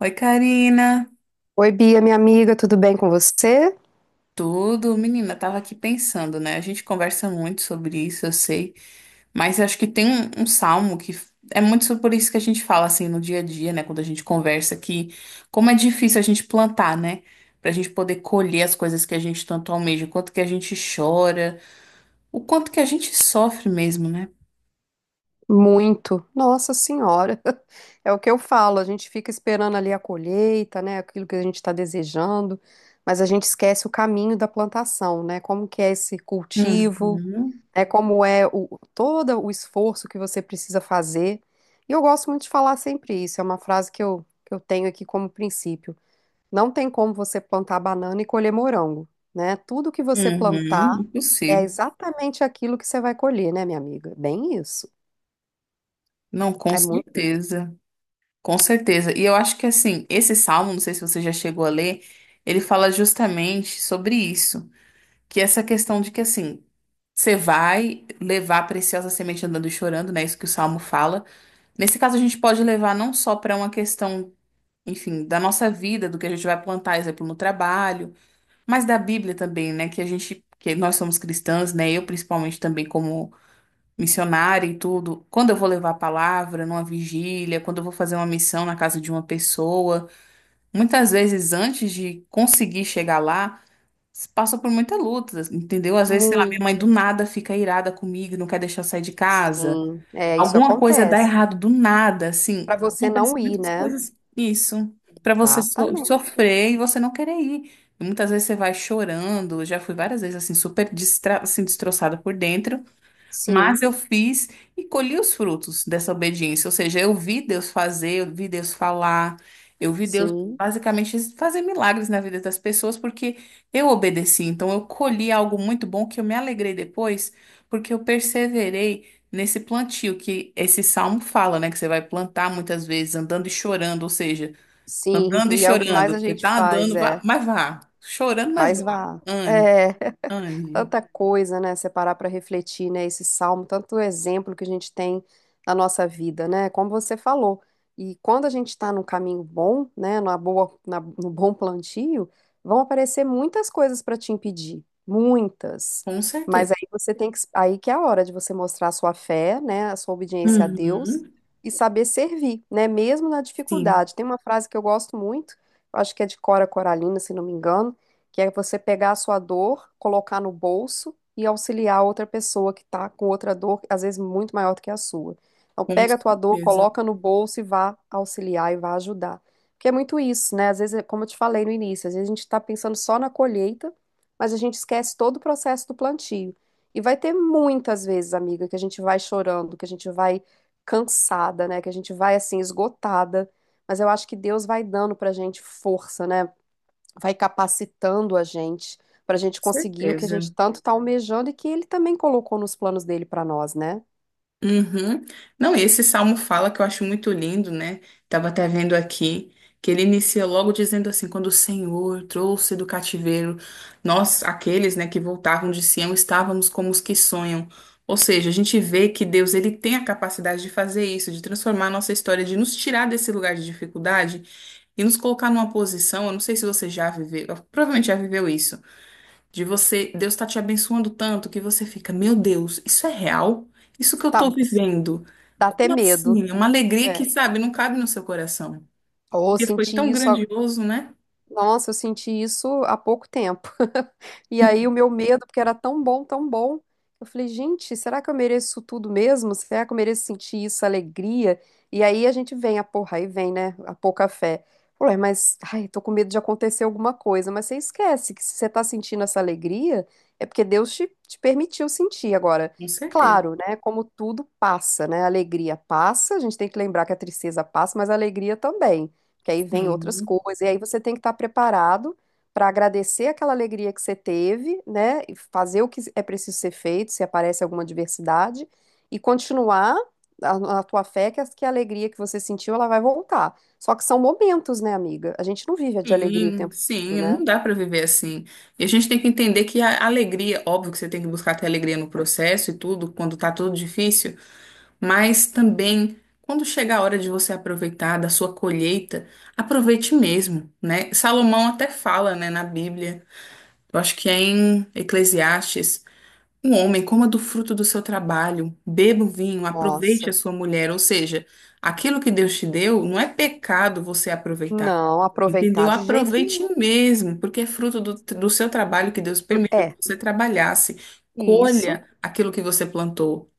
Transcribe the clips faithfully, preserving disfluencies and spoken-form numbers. Oi, Karina. Oi, Bia, minha amiga, tudo bem com você? Tudo? Menina, tava aqui pensando, né? A gente conversa muito sobre isso, eu sei, mas acho que tem um, um salmo que f- é muito sobre- por isso que a gente fala assim no dia a dia, né? Quando a gente conversa que como é difícil a gente plantar, né? Pra gente poder colher as coisas que a gente tanto almeja, o quanto que a gente chora, o quanto que a gente sofre mesmo, né? Muito. Nossa Senhora. É o que eu falo, a gente fica esperando ali a colheita, né? Aquilo que a gente está desejando, mas a gente esquece o caminho da plantação, né? Como que é esse cultivo, Uhum, né? Como é o, todo o esforço que você precisa fazer. E eu gosto muito de falar sempre isso, é uma frase que eu, que eu tenho aqui como princípio. Não tem como você plantar banana e colher morango, né? Tudo que você plantar uhum, é impossível. exatamente aquilo que você vai colher, né, minha amiga? Bem isso. Não, com É muito isso. certeza. Com certeza. E eu acho que assim, esse salmo, não sei se você já chegou a ler, ele fala justamente sobre isso, que é essa questão de que assim, você vai levar a preciosa semente andando e chorando, né? Isso que o salmo fala. Nesse caso, a gente pode levar não só para uma questão, enfim, da nossa vida, do que a gente vai plantar, exemplo, no trabalho, mas da Bíblia também, né? Que a gente, que nós somos cristãs, né? Eu principalmente também como missionária e tudo, quando eu vou levar a palavra numa vigília, quando eu vou fazer uma missão na casa de uma pessoa, muitas vezes antes de conseguir chegar lá, se passa por muita luta, entendeu? Às vezes, sei lá, minha mãe Muito, do nada fica irada comigo, não quer deixar eu sair de casa. sim. É, isso Alguma coisa dá acontece. errado do nada, assim, Para você não acontecem ir, muitas né? coisas isso, para você so- Exatamente. sofrer e você não querer ir. Muitas vezes você vai chorando, eu já fui várias vezes assim super distra assim destroçada por dentro. Mas Sim, eu fiz e colhi os frutos dessa obediência. Ou seja, eu vi Deus fazer, eu vi Deus falar, eu vi Deus sim, basicamente fazer milagres na vida das pessoas, porque eu obedeci. Então, eu colhi algo muito bom que eu me alegrei depois, porque eu perseverei nesse plantio que esse salmo fala, né? Que você vai plantar muitas vezes andando e chorando. Ou seja, sim. andando e E é o que mais chorando. a Você gente tá faz, andando, vá- é. mas vá. Chorando, mas Mas vá. vá. Ande, É. ande. Tanta coisa, né? Separar para refletir, né? Esse salmo, tanto exemplo que a gente tem na nossa vida, né? Como você falou. E quando a gente está num caminho bom, né? Na boa, na- no bom plantio, vão aparecer muitas coisas para te impedir, muitas. Com Mas certeza. aí você tem que, aí que é a hora de você mostrar a sua fé, né? A sua obediência a Deus Uhum. e saber servir, né? Mesmo na Sim. dificuldade. Tem uma frase que eu gosto muito, eu acho que é de Cora Coralina, se não me engano, que é você pegar a sua dor, colocar no bolso e auxiliar outra pessoa que está com outra dor, às vezes muito maior do que a sua. Então, Com pega a tua dor, certeza, com coloca no bolso e vá auxiliar e vá ajudar. Porque é muito isso, né? Às vezes, é como eu te falei no início, às vezes a gente está pensando só na colheita, mas a gente esquece todo o processo do plantio. E vai ter muitas vezes, amiga, que a gente vai chorando, que a gente vai cansada, né? Que a gente vai assim esgotada. Mas eu acho que Deus vai dando pra gente força, né? Vai capacitando a gente para a gente conseguir o que a certeza. gente tanto está almejando e que ele também colocou nos planos dele para nós, né? Uhum. Não, e esse salmo fala que eu acho muito lindo, né? Tava até vendo aqui que ele inicia logo dizendo assim: quando o Senhor trouxe do cativeiro nós, aqueles, né, que voltavam de Sião, estávamos como os que sonham. Ou seja, a gente vê que Deus ele tem a capacidade de fazer isso, de transformar a nossa história, de nos tirar desse lugar de dificuldade e nos colocar numa posição. Eu não sei se você já viveu, provavelmente já viveu isso. De você, Deus está te abençoando tanto que você fica, meu Deus, isso é real? Isso que eu Tá, estou vivendo? dá até Como medo. assim? É uma alegria que, É. sabe, não cabe no seu coração. Ou Porque foi sentir tão isso. grandioso, né? Nossa, eu senti isso há pouco tempo. E aí o meu medo, porque era tão bom, tão bom, eu falei, gente, será que eu mereço isso tudo mesmo? Será que eu mereço sentir isso, alegria? E aí a gente vem, a porra, aí vem, né, a pouca fé. Ué, mas, ai, tô com medo de acontecer alguma coisa. Mas você esquece que se você tá sentindo essa alegria, é porque Deus te, te permitiu sentir. Agora, Com certeza. claro, né, como tudo passa, né, a alegria passa, a gente tem que lembrar que a tristeza passa, mas a alegria também, que aí vem outras Sim, coisas, e aí você tem que estar preparado para agradecer aquela alegria que você teve, né? E fazer o que é preciso ser feito, se aparece alguma adversidade, e continuar a, a tua fé que a, que a alegria que você sentiu, ela vai voltar. Só que são momentos, né, amiga? A gente não vive de alegria o sim, tempo todo, sim, né? não dá para viver assim. E a gente tem que entender que a alegria, óbvio que você tem que buscar ter alegria no processo e tudo, quando tá tudo difícil, mas também quando chega a hora de você aproveitar da sua colheita, aproveite mesmo, né? Salomão até fala, né, na Bíblia. Eu acho que é em Eclesiastes, um homem coma do fruto do seu trabalho, beba o vinho, aproveite a Nossa, sua mulher. Ou seja, aquilo que Deus te deu, não é pecado você aproveitar. não Entendeu? aproveitar de jeito Aproveite nenhum. mesmo, porque é fruto do, do seu trabalho que Deus permitiu que É, você trabalhasse. isso. Colha aquilo que você plantou.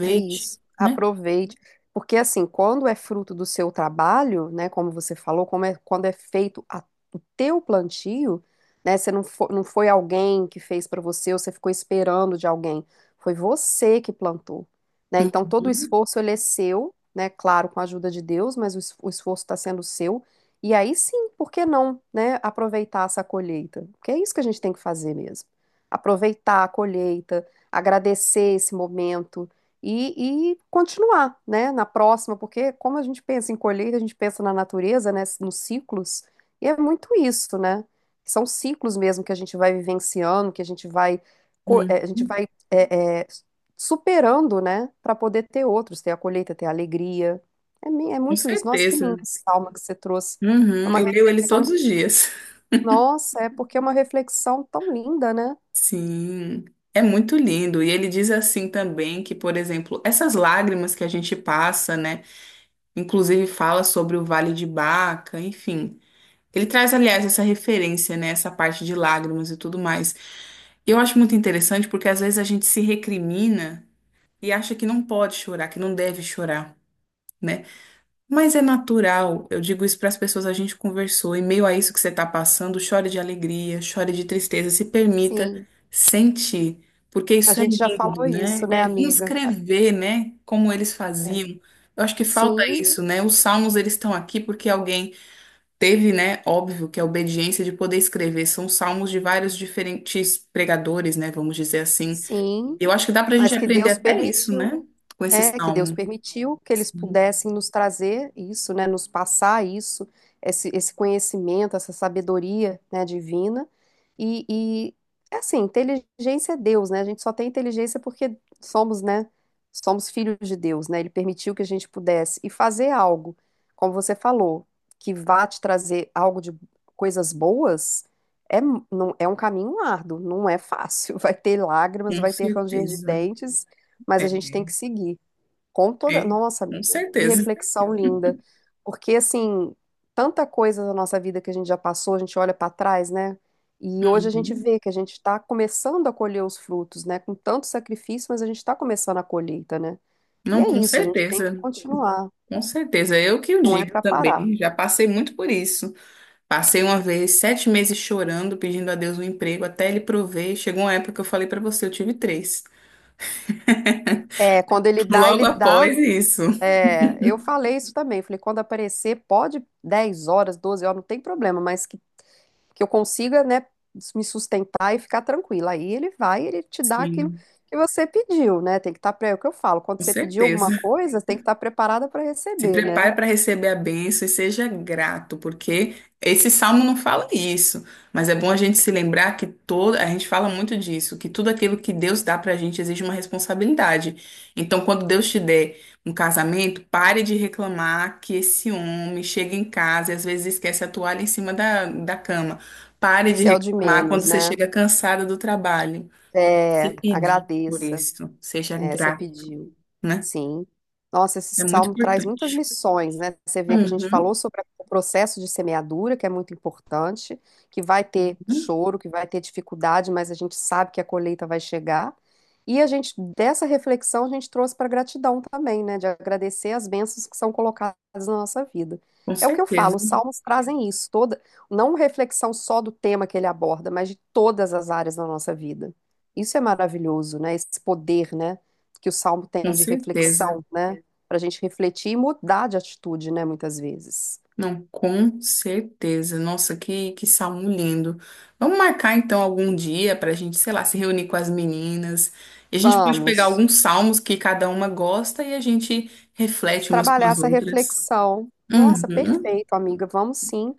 É isso. né? Aproveite. Porque, assim, quando é fruto do seu trabalho, né, como você falou, como é, quando é feito a- o teu plantio, né, você não foi, não foi alguém que fez para você ou você ficou esperando de alguém. Foi você que plantou, né? Então, todo o Uhum, esforço, ele é seu, né? Claro, com a ajuda de Deus, mas o, es- o esforço está sendo seu. E aí sim, por que não, né, aproveitar essa colheita? Porque é isso que a gente tem que fazer mesmo. Aproveitar a colheita, agradecer esse momento, e, e continuar, né, na próxima, porque como a gente pensa em colheita, a gente pensa na natureza, né, nos ciclos, e é muito isso, né? São ciclos mesmo que a gente vai vivenciando, que a gente vai, co- eh, a gente uhum. vai eh, eh, superando, né, para poder ter outros, ter a colheita, ter a alegria. É, mi- é Com muito isso. Nossa, que lindo certeza. esse salmo que você trouxe. É Uhum, uma eu leio ele todos reflexão. os dias. Nossa, é porque é uma reflexão tão linda, né? Sim, é muito lindo. E ele diz assim também que, por exemplo, essas lágrimas que a gente passa, né? Inclusive fala sobre o Vale de Baca, enfim. Ele traz, aliás, essa referência, né? Essa parte de lágrimas e tudo mais. Eu acho muito interessante porque às vezes a gente se recrimina e acha que não pode chorar, que não deve chorar, né? Mas é natural, eu digo isso para as pessoas, a gente conversou, em meio a isso que você está passando, chore de alegria, chore de tristeza, se permita Sim, sentir, porque a isso é gente já lindo, falou isso, né? né, É vir amiga? Ah, escrever, né? Como eles é. faziam. Eu acho que falta Sim. isso, né? Os salmos, eles estão aqui porque alguém teve, né? Óbvio que a obediência de poder escrever. São salmos de vários diferentes pregadores, né? Vamos dizer assim. Sim, Eu acho que dá para a gente mas que aprender Deus até isso, permitiu. né? Com esse É, que Deus salmo. permitiu que eles Sim, pudessem nos trazer isso, né, nos passar isso, esse, esse conhecimento, essa sabedoria, né, divina. E, e, é assim, inteligência é Deus, né? A gente só tem inteligência porque somos, né, somos filhos de Deus, né? Ele permitiu que a gente pudesse e fazer algo, como você falou, que vá te trazer algo de coisas boas. É, mu- não, é um caminho árduo, não é fácil. Vai ter lágrimas, com vai ter ranger de certeza. dentes, mas É. a gente tem que seguir. Com toda. É, Nossa, com amiga, que certeza. reflexão linda. Porque, assim, tanta coisa da nossa vida que a gente já passou, a gente olha para trás, né? E hoje a gente Uhum. vê que a gente está começando a colher os frutos, né? Com tanto sacrifício, mas a gente está começando a colheita, né? E Não, é com isso, a gente tem que certeza. continuar, Com certeza. Eu que o não é digo para parar. também. Já passei muito por isso. Passei uma vez sete meses chorando, pedindo a Deus um emprego, até ele prover. Chegou uma época que eu falei pra você, eu tive três. É, quando ele dá, Logo ele dá. após isso. É, eu falei isso também, falei, quando aparecer, pode dez horas, doze horas, não tem problema, mas que que eu consiga, né, me sustentar e ficar tranquila. Aí ele vai, ele te dá aquilo Sim, que você pediu, né? Tem que estar, pre... é o que eu falo, quando com você pedir alguma certeza. coisa, tem que estar preparada para Se receber, né? prepare para receber a bênção e seja grato, porque esse salmo não fala isso, mas é bom a gente se lembrar que todo, a gente fala muito disso, que tudo aquilo que Deus dá para a gente exige uma responsabilidade. Então, quando Deus te der um casamento, pare de reclamar que esse homem chega em casa e às vezes esquece a toalha em cima da, da cama. Pare de Isso é o de reclamar quando menos, você né? chega cansada do trabalho. Se É, pedir por agradeça. isso, seja É, você grato, pediu. né? Sim. Nossa, esse É muito salmo traz muitas importante. lições, né? Você vê que a gente Uhum. falou sobre o processo de semeadura, que é muito importante, que vai ter choro, que vai ter dificuldade, mas a gente sabe que a colheita vai chegar. E a gente, dessa reflexão, a gente trouxe para gratidão também, né? De agradecer as bênçãos que são colocadas na nossa vida. Com É o que eu certeza, falo, os salmos trazem isso, toda, não reflexão só do tema que ele aborda, mas de todas as áreas da nossa vida. Isso é maravilhoso, né? Esse poder, né? Que o salmo com tem de certeza. reflexão, né? Para a gente refletir e mudar de atitude, né? Muitas vezes. Não, com certeza. Nossa, que, que salmo lindo. Vamos marcar então algum dia para a gente, sei lá, se reunir com as meninas. E a gente pode pegar Vamos alguns salmos que cada uma gosta e a gente reflete umas com trabalhar as essa outras. reflexão. Nossa, Uhum, perfeito, amiga. Vamos sim.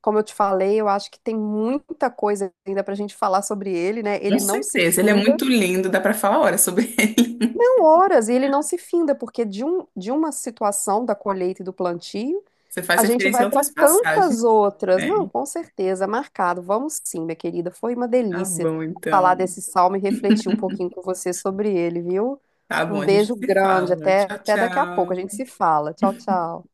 Como eu te falei, eu acho que tem muita coisa ainda para a gente falar sobre ele, né? com Ele não se certeza. Ele é finda, muito lindo, dá para falar horas sobre ele. não horas, e ele não se finda, porque de, um, de uma situação da colheita e do plantio, Você faz a gente referência vai a para outras passagens. tantas outras. É, Não, com certeza, marcado. Vamos sim, minha querida. Foi uma tá delícia bom então. falar desse salmo e refletir um pouquinho com você sobre ele, viu? Tá bom, Um a gente beijo se grande. fala. Até, Tchau, até daqui a pouco. A tchau. gente se fala. Tchau, tchau.